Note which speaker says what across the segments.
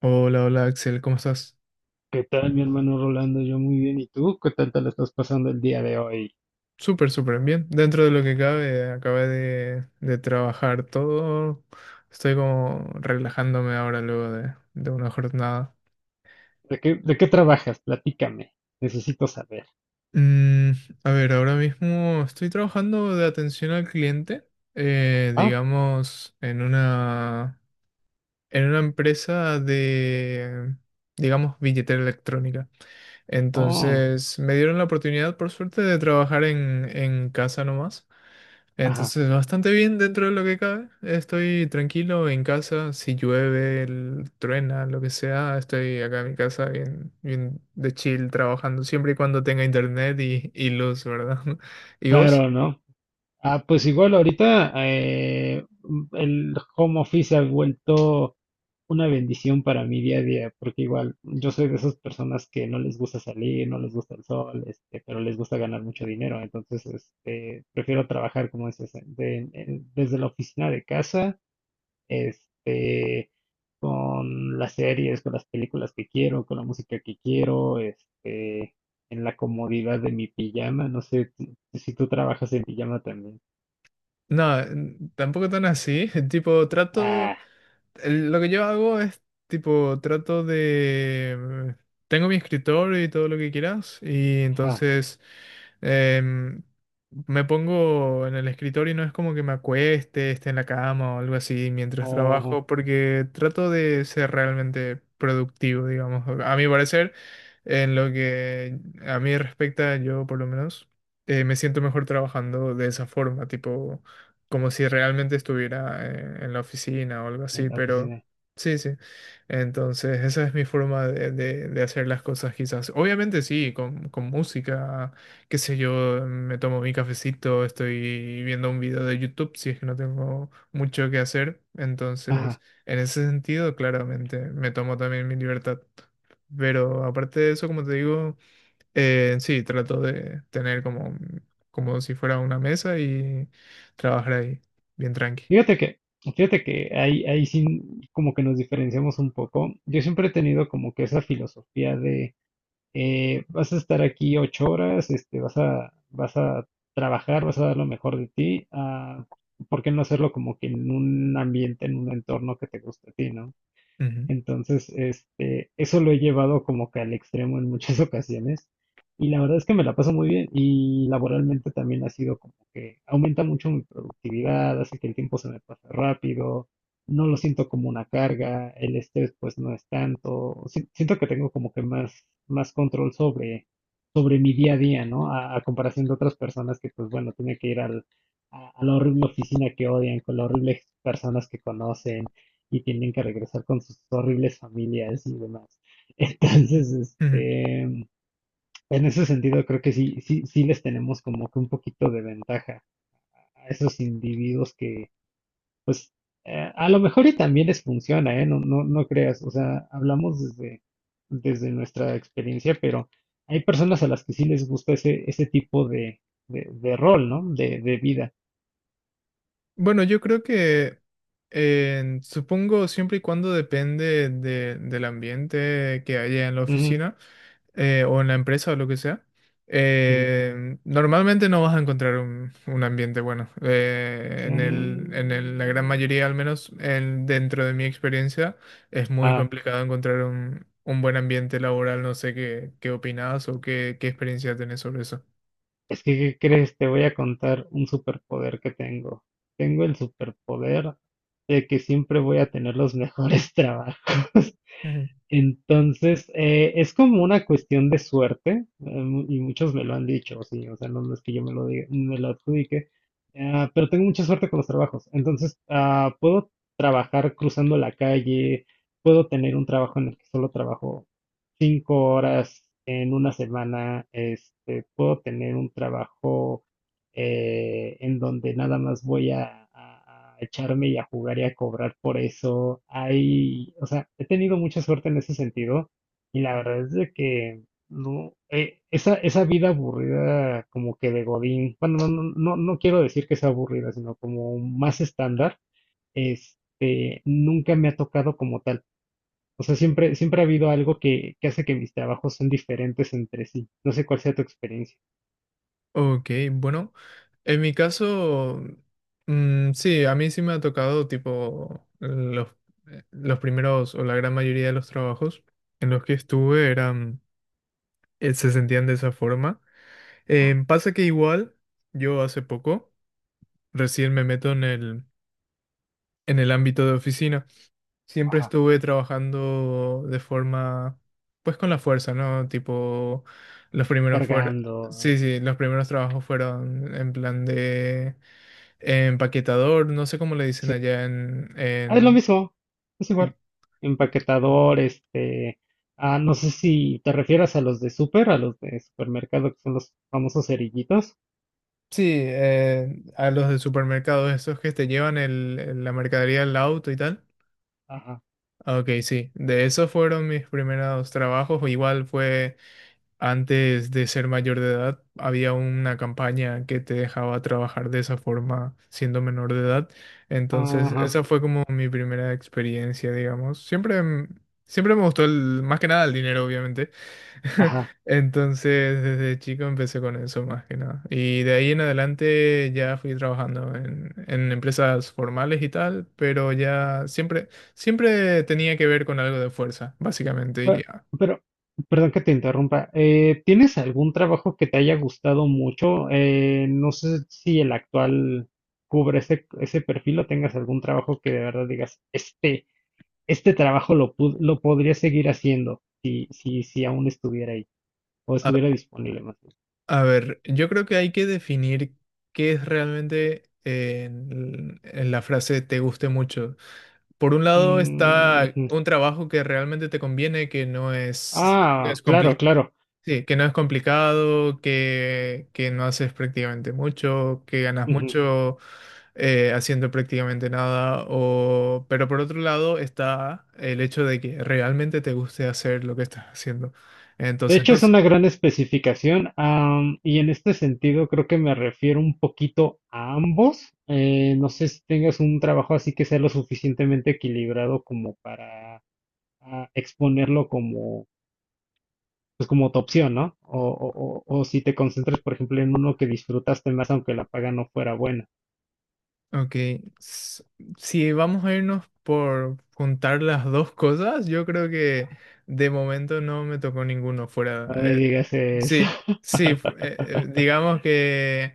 Speaker 1: Hola, hola Axel, ¿cómo estás?
Speaker 2: ¿Qué tal, mi hermano Rolando? Yo muy bien. ¿Y tú? ¿Qué tal te lo estás pasando el día de hoy?
Speaker 1: Súper, súper bien. Dentro de lo que cabe, acabé de trabajar todo. Estoy como relajándome ahora luego de una jornada.
Speaker 2: De qué trabajas? Platícame. Necesito saber.
Speaker 1: Mm, a ver, ahora mismo estoy trabajando de atención al cliente,
Speaker 2: Ah,
Speaker 1: digamos, en una empresa de, digamos, billetera electrónica.
Speaker 2: oh,
Speaker 1: Entonces, me dieron la oportunidad, por suerte, de trabajar en casa nomás.
Speaker 2: ajá.
Speaker 1: Entonces, bastante bien dentro de lo que cabe. Estoy tranquilo en casa. Si llueve, truena, lo que sea, estoy acá en mi casa bien, bien de chill trabajando, siempre y cuando tenga internet y luz, ¿verdad? ¿Y vos?
Speaker 2: Claro, ¿no? Ah, pues igual ahorita el home office ha vuelto una bendición para mi día a día, porque igual yo soy de esas personas que no les gusta salir, no les gusta el sol, pero les gusta ganar mucho dinero. Entonces, prefiero trabajar, como dices, desde la oficina de casa, este, con las series, con las películas que quiero, con la música que quiero, en la comodidad de mi pijama. ¿Si tú trabajas en pijama también?
Speaker 1: No, tampoco tan así. Tipo, trato.
Speaker 2: Ah,
Speaker 1: Lo que yo hago es tipo, trato de... Tengo mi escritorio y todo lo que quieras y
Speaker 2: ajá,
Speaker 1: entonces em, me pongo en el escritorio y no es como que me acueste, esté en la cama o algo así mientras
Speaker 2: ojo,
Speaker 1: trabajo porque trato de ser realmente productivo, digamos. A mi parecer, en lo que a mí respecta, yo por lo menos me siento mejor trabajando de esa forma, tipo como si realmente estuviera en la oficina o algo
Speaker 2: en
Speaker 1: así,
Speaker 2: la
Speaker 1: pero
Speaker 2: oficina.
Speaker 1: sí, sí. Entonces, esa es mi forma de, de hacer las cosas quizás. Obviamente sí, con música, qué sé yo, me tomo mi cafecito, estoy viendo un video de YouTube si es que no tengo mucho que hacer.
Speaker 2: Ajá.
Speaker 1: Entonces, en ese sentido, claramente, me tomo también mi libertad. Pero aparte de eso, como te digo... Sí, trato de tener como, como si fuera una mesa y trabajar ahí, bien tranqui.
Speaker 2: Fíjate que, fíjate que ahí, ahí sí como que nos diferenciamos un poco. Yo siempre he tenido como que esa filosofía de vas a estar aquí 8 horas, vas a, vas a trabajar, vas a dar lo mejor de ti. Ah, ¿por qué no hacerlo como que en un ambiente, en un entorno que te guste a ti, ¿no?
Speaker 1: Ujú.
Speaker 2: Entonces, eso lo he llevado como que al extremo en muchas ocasiones. Y la verdad es que me la paso muy bien y laboralmente también ha sido como que aumenta mucho mi productividad, hace que el tiempo se me pase rápido, no lo siento como una carga, el estrés pues no es tanto, siento que tengo como que más, más control sobre, sobre mi día a día, ¿no? A comparación de otras personas que pues bueno, tienen que ir al, a la horrible oficina que odian, con las horribles personas que conocen y tienen que regresar con sus horribles familias y demás. Entonces,
Speaker 1: Ujú.
Speaker 2: en ese sentido creo que sí, sí, sí les tenemos como que un poquito de ventaja a esos individuos que, pues, a lo mejor y también les funciona, ¿eh? No, no, no creas, o sea, hablamos desde, desde nuestra experiencia, pero hay personas a las que sí les gusta ese, ese tipo de rol, ¿no? De vida.
Speaker 1: Bueno, yo creo que supongo siempre y cuando depende del ambiente que haya en la
Speaker 2: Ujú,
Speaker 1: oficina. O en la empresa o lo que sea,
Speaker 2: ujú.
Speaker 1: normalmente no vas a encontrar un ambiente bueno. En el, la gran
Speaker 2: Mm.
Speaker 1: mayoría, al menos en- dentro de mi experiencia, es muy
Speaker 2: Ah,
Speaker 1: complicado encontrar un buen ambiente laboral. No sé qué, qué opinas o qué, qué experiencia tenés sobre eso.
Speaker 2: es que, ¿qué crees? Te voy a contar un superpoder que tengo. Tengo el superpoder de que siempre voy a tener los mejores trabajos.
Speaker 1: Ujú.
Speaker 2: Entonces, es como una cuestión de suerte, y muchos me lo han dicho, sí, o sea, no es que yo me lo adjudique, ah, pero tengo mucha suerte con los trabajos. Entonces, ah, puedo trabajar cruzando la calle, puedo tener un trabajo en el que solo trabajo 5 horas en una semana, puedo tener un trabajo en donde nada más voy a, a echarme y a jugar y a cobrar por eso. Hay, o sea, he tenido mucha suerte en ese sentido y la verdad es de que no, esa, esa vida aburrida como que de Godín, bueno, no, no, no quiero decir que sea aburrida, sino como más estándar, nunca me ha tocado como tal. O sea, siempre, siempre ha habido algo que hace que mis trabajos sean diferentes entre sí. No sé cuál sea tu experiencia.
Speaker 1: Ok, bueno, en mi caso, sí, a mí sí me ha tocado tipo los primeros o la gran mayoría de los trabajos en los que estuve eran se sentían de esa forma. Pasa que igual, yo hace poco, recién me meto en el ámbito de oficina. Siempre
Speaker 2: Ajá.
Speaker 1: estuve trabajando de forma, pues con la fuerza, ¿no? Tipo, los primeros fueron,
Speaker 2: Cargando.
Speaker 1: sí, sí, los primeros trabajos fueron en plan de empaquetador, no sé cómo le dicen allá
Speaker 2: Ah, es lo
Speaker 1: en-
Speaker 2: mismo, es igual. Empaquetador, ah, no sé si te refieras a los a los de supermercado, que son los famosos cerillitos.
Speaker 1: Sí, a los de supermercados, esos que te llevan el, la mercadería al auto y tal.
Speaker 2: Ajá,
Speaker 1: Ok, sí, de esos fueron mis primeros trabajos. Igual fue antes de ser mayor de edad, había una campaña que te dejaba trabajar de esa forma siendo menor de edad. Entonces,
Speaker 2: ajá,
Speaker 1: esa fue como mi primera experiencia, digamos. Siempre, siempre me gustó el, más que nada el dinero, obviamente.
Speaker 2: ajá.
Speaker 1: Entonces, desde chico empecé con eso más que nada. Y de ahí en adelante ya fui trabajando en empresas formales y tal, pero ya siempre, siempre tenía que ver con algo de fuerza, básicamente. Y
Speaker 2: Pe- Pero, perdón que te interrumpa. ¿Tienes algún trabajo que te haya gustado mucho? No sé si el actual cubre ese, ese perfil o tengas algún trabajo que de verdad digas, este trabajo lo, lo podría seguir haciendo si, si, si aún estuviera ahí o estuviera disponible más.
Speaker 1: a ver, yo creo que hay que definir qué es realmente en la frase te guste mucho. Por un lado
Speaker 2: Mm,
Speaker 1: está
Speaker 2: ujú.
Speaker 1: un trabajo que realmente te conviene, que no es,
Speaker 2: Ah, claro, claro.
Speaker 1: sí, que no es complicado, que no haces prácticamente mucho, que ganas
Speaker 2: Ujú.
Speaker 1: mucho haciendo prácticamente nada. O... Pero por otro lado está el hecho de que realmente te guste hacer lo que estás haciendo.
Speaker 2: De
Speaker 1: Entonces,
Speaker 2: hecho,
Speaker 1: no,
Speaker 2: es una gran especificación, am, y en este sentido creo que me refiero un poquito a ambos. No sé si tengas un trabajo así que sea lo suficientemente equilibrado como para ah, exponerlo como, pues como tu opción, ¿no? O, o si te concentras, por ejemplo, en uno que disfrutaste más aunque la paga no fuera buena.
Speaker 1: ok, s- si vamos a irnos por juntar las dos cosas, yo creo que de momento no me tocó ninguno fuera.
Speaker 2: No me digas eso.
Speaker 1: Sí, digamos que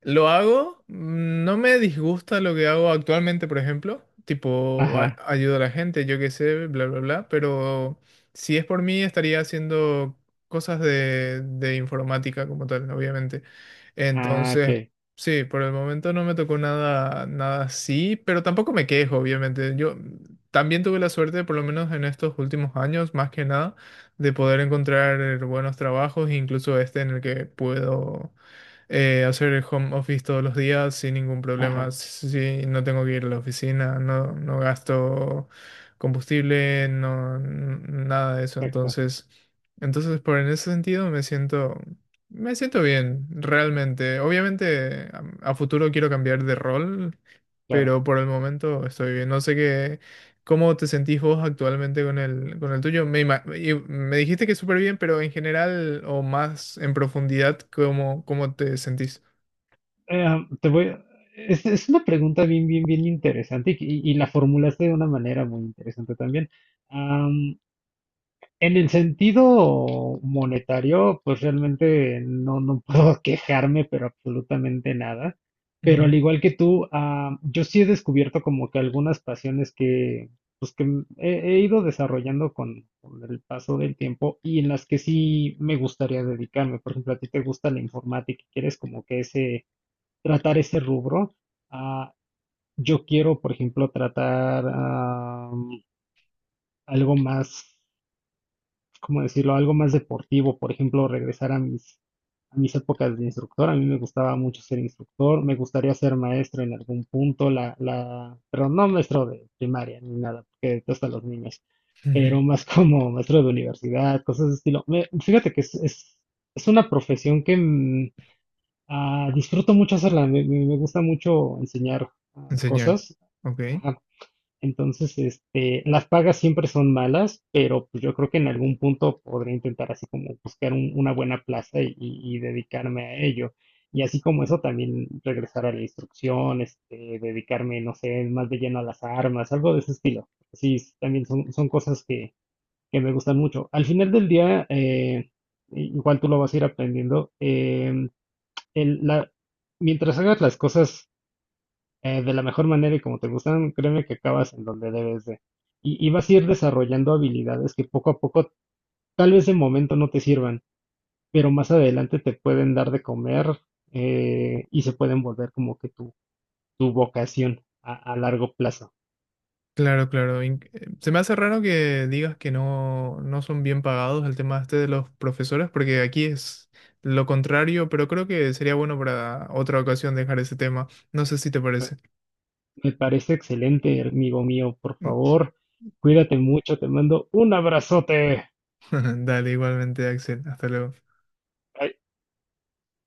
Speaker 1: lo hago, no me disgusta lo que hago actualmente, por ejemplo, tipo
Speaker 2: Ajá.
Speaker 1: ayudo a la gente, yo qué sé, bla, bla, bla, pero si es por mí estaría haciendo cosas de informática como tal, obviamente.
Speaker 2: Ah,
Speaker 1: Entonces,
Speaker 2: ok.
Speaker 1: sí, por el momento no me tocó nada, nada así, pero tampoco me quejo, obviamente. Yo también tuve la suerte, por lo menos en estos últimos años, más que nada, de poder encontrar buenos trabajos, incluso este en el que puedo hacer home office todos los días sin ningún problema.
Speaker 2: Ajá.
Speaker 1: Si no tengo que ir a la oficina, no, no gasto combustible, nada de eso.
Speaker 2: Exacto.
Speaker 1: Entonces, entonces por en ese sentido me siento bien, realmente. Obviamente a futuro quiero cambiar de rol,
Speaker 2: Claro.
Speaker 1: pero por el momento estoy bien. No sé qué. ¿Cómo te sentís vos actualmente con el tuyo? Me, y me dijiste que súper bien, pero en general o más en profundidad, ¿cómo, cómo te sentís?
Speaker 2: Em, te voy a- es una pregunta bien, bien, bien interesante y, y la formulaste de una manera muy interesante también. Am, en el sentido monetario, pues realmente no, no puedo quejarme, pero absolutamente nada. Pero al
Speaker 1: Ujú,
Speaker 2: igual que tú, am, yo sí he descubierto como que algunas pasiones que, he, he ido desarrollando con el paso del tiempo y en las que sí me gustaría dedicarme. Por ejemplo, a ti te gusta la informática y quieres como que ese tratar ese rubro. Ah, yo quiero, por ejemplo, tratar ah, algo más, ¿cómo decirlo? Algo más deportivo, por ejemplo, regresar a mis épocas de instructor. A mí me gustaba mucho ser instructor, me gustaría ser maestro en algún punto, la, pero no maestro de primaria ni nada, porque detesto a los niños,
Speaker 1: ujú.
Speaker 2: pero más como maestro de universidad, cosas de estilo. Fíjate que es una profesión que ah, disfruto mucho hacerla, me, me gusta mucho enseñar ah,
Speaker 1: Enseñar.
Speaker 2: cosas.
Speaker 1: Ok.
Speaker 2: Ajá. Entonces, las pagas siempre son malas, pero pues, yo creo que en algún punto podré intentar así como buscar una buena plaza y, y dedicarme a ello. Y así como eso, también regresar a la instrucción, dedicarme, no sé, más de lleno a las armas, algo de ese estilo. Sí, también son, son cosas que me gustan mucho. Al final del día, igual tú lo vas a ir aprendiendo. El- la, mientras hagas las cosas de la mejor manera y como te gustan, créeme que acabas en donde debes de. Y vas a ir desarrollando habilidades que poco a poco, tal vez de momento no te sirvan, pero más adelante te pueden dar de comer y se pueden volver como que tu vocación a largo plazo.
Speaker 1: Claro, claro. Se me hace raro que digas que no, no son bien pagados el tema este de los profesores, porque aquí es lo contrario, pero creo que sería bueno para otra ocasión dejar ese tema. No sé si te parece.
Speaker 2: Me parece excelente, amigo mío. Por favor, cuídate mucho. Te mando un abrazote.
Speaker 1: Dale, igualmente, Axel. Hasta luego.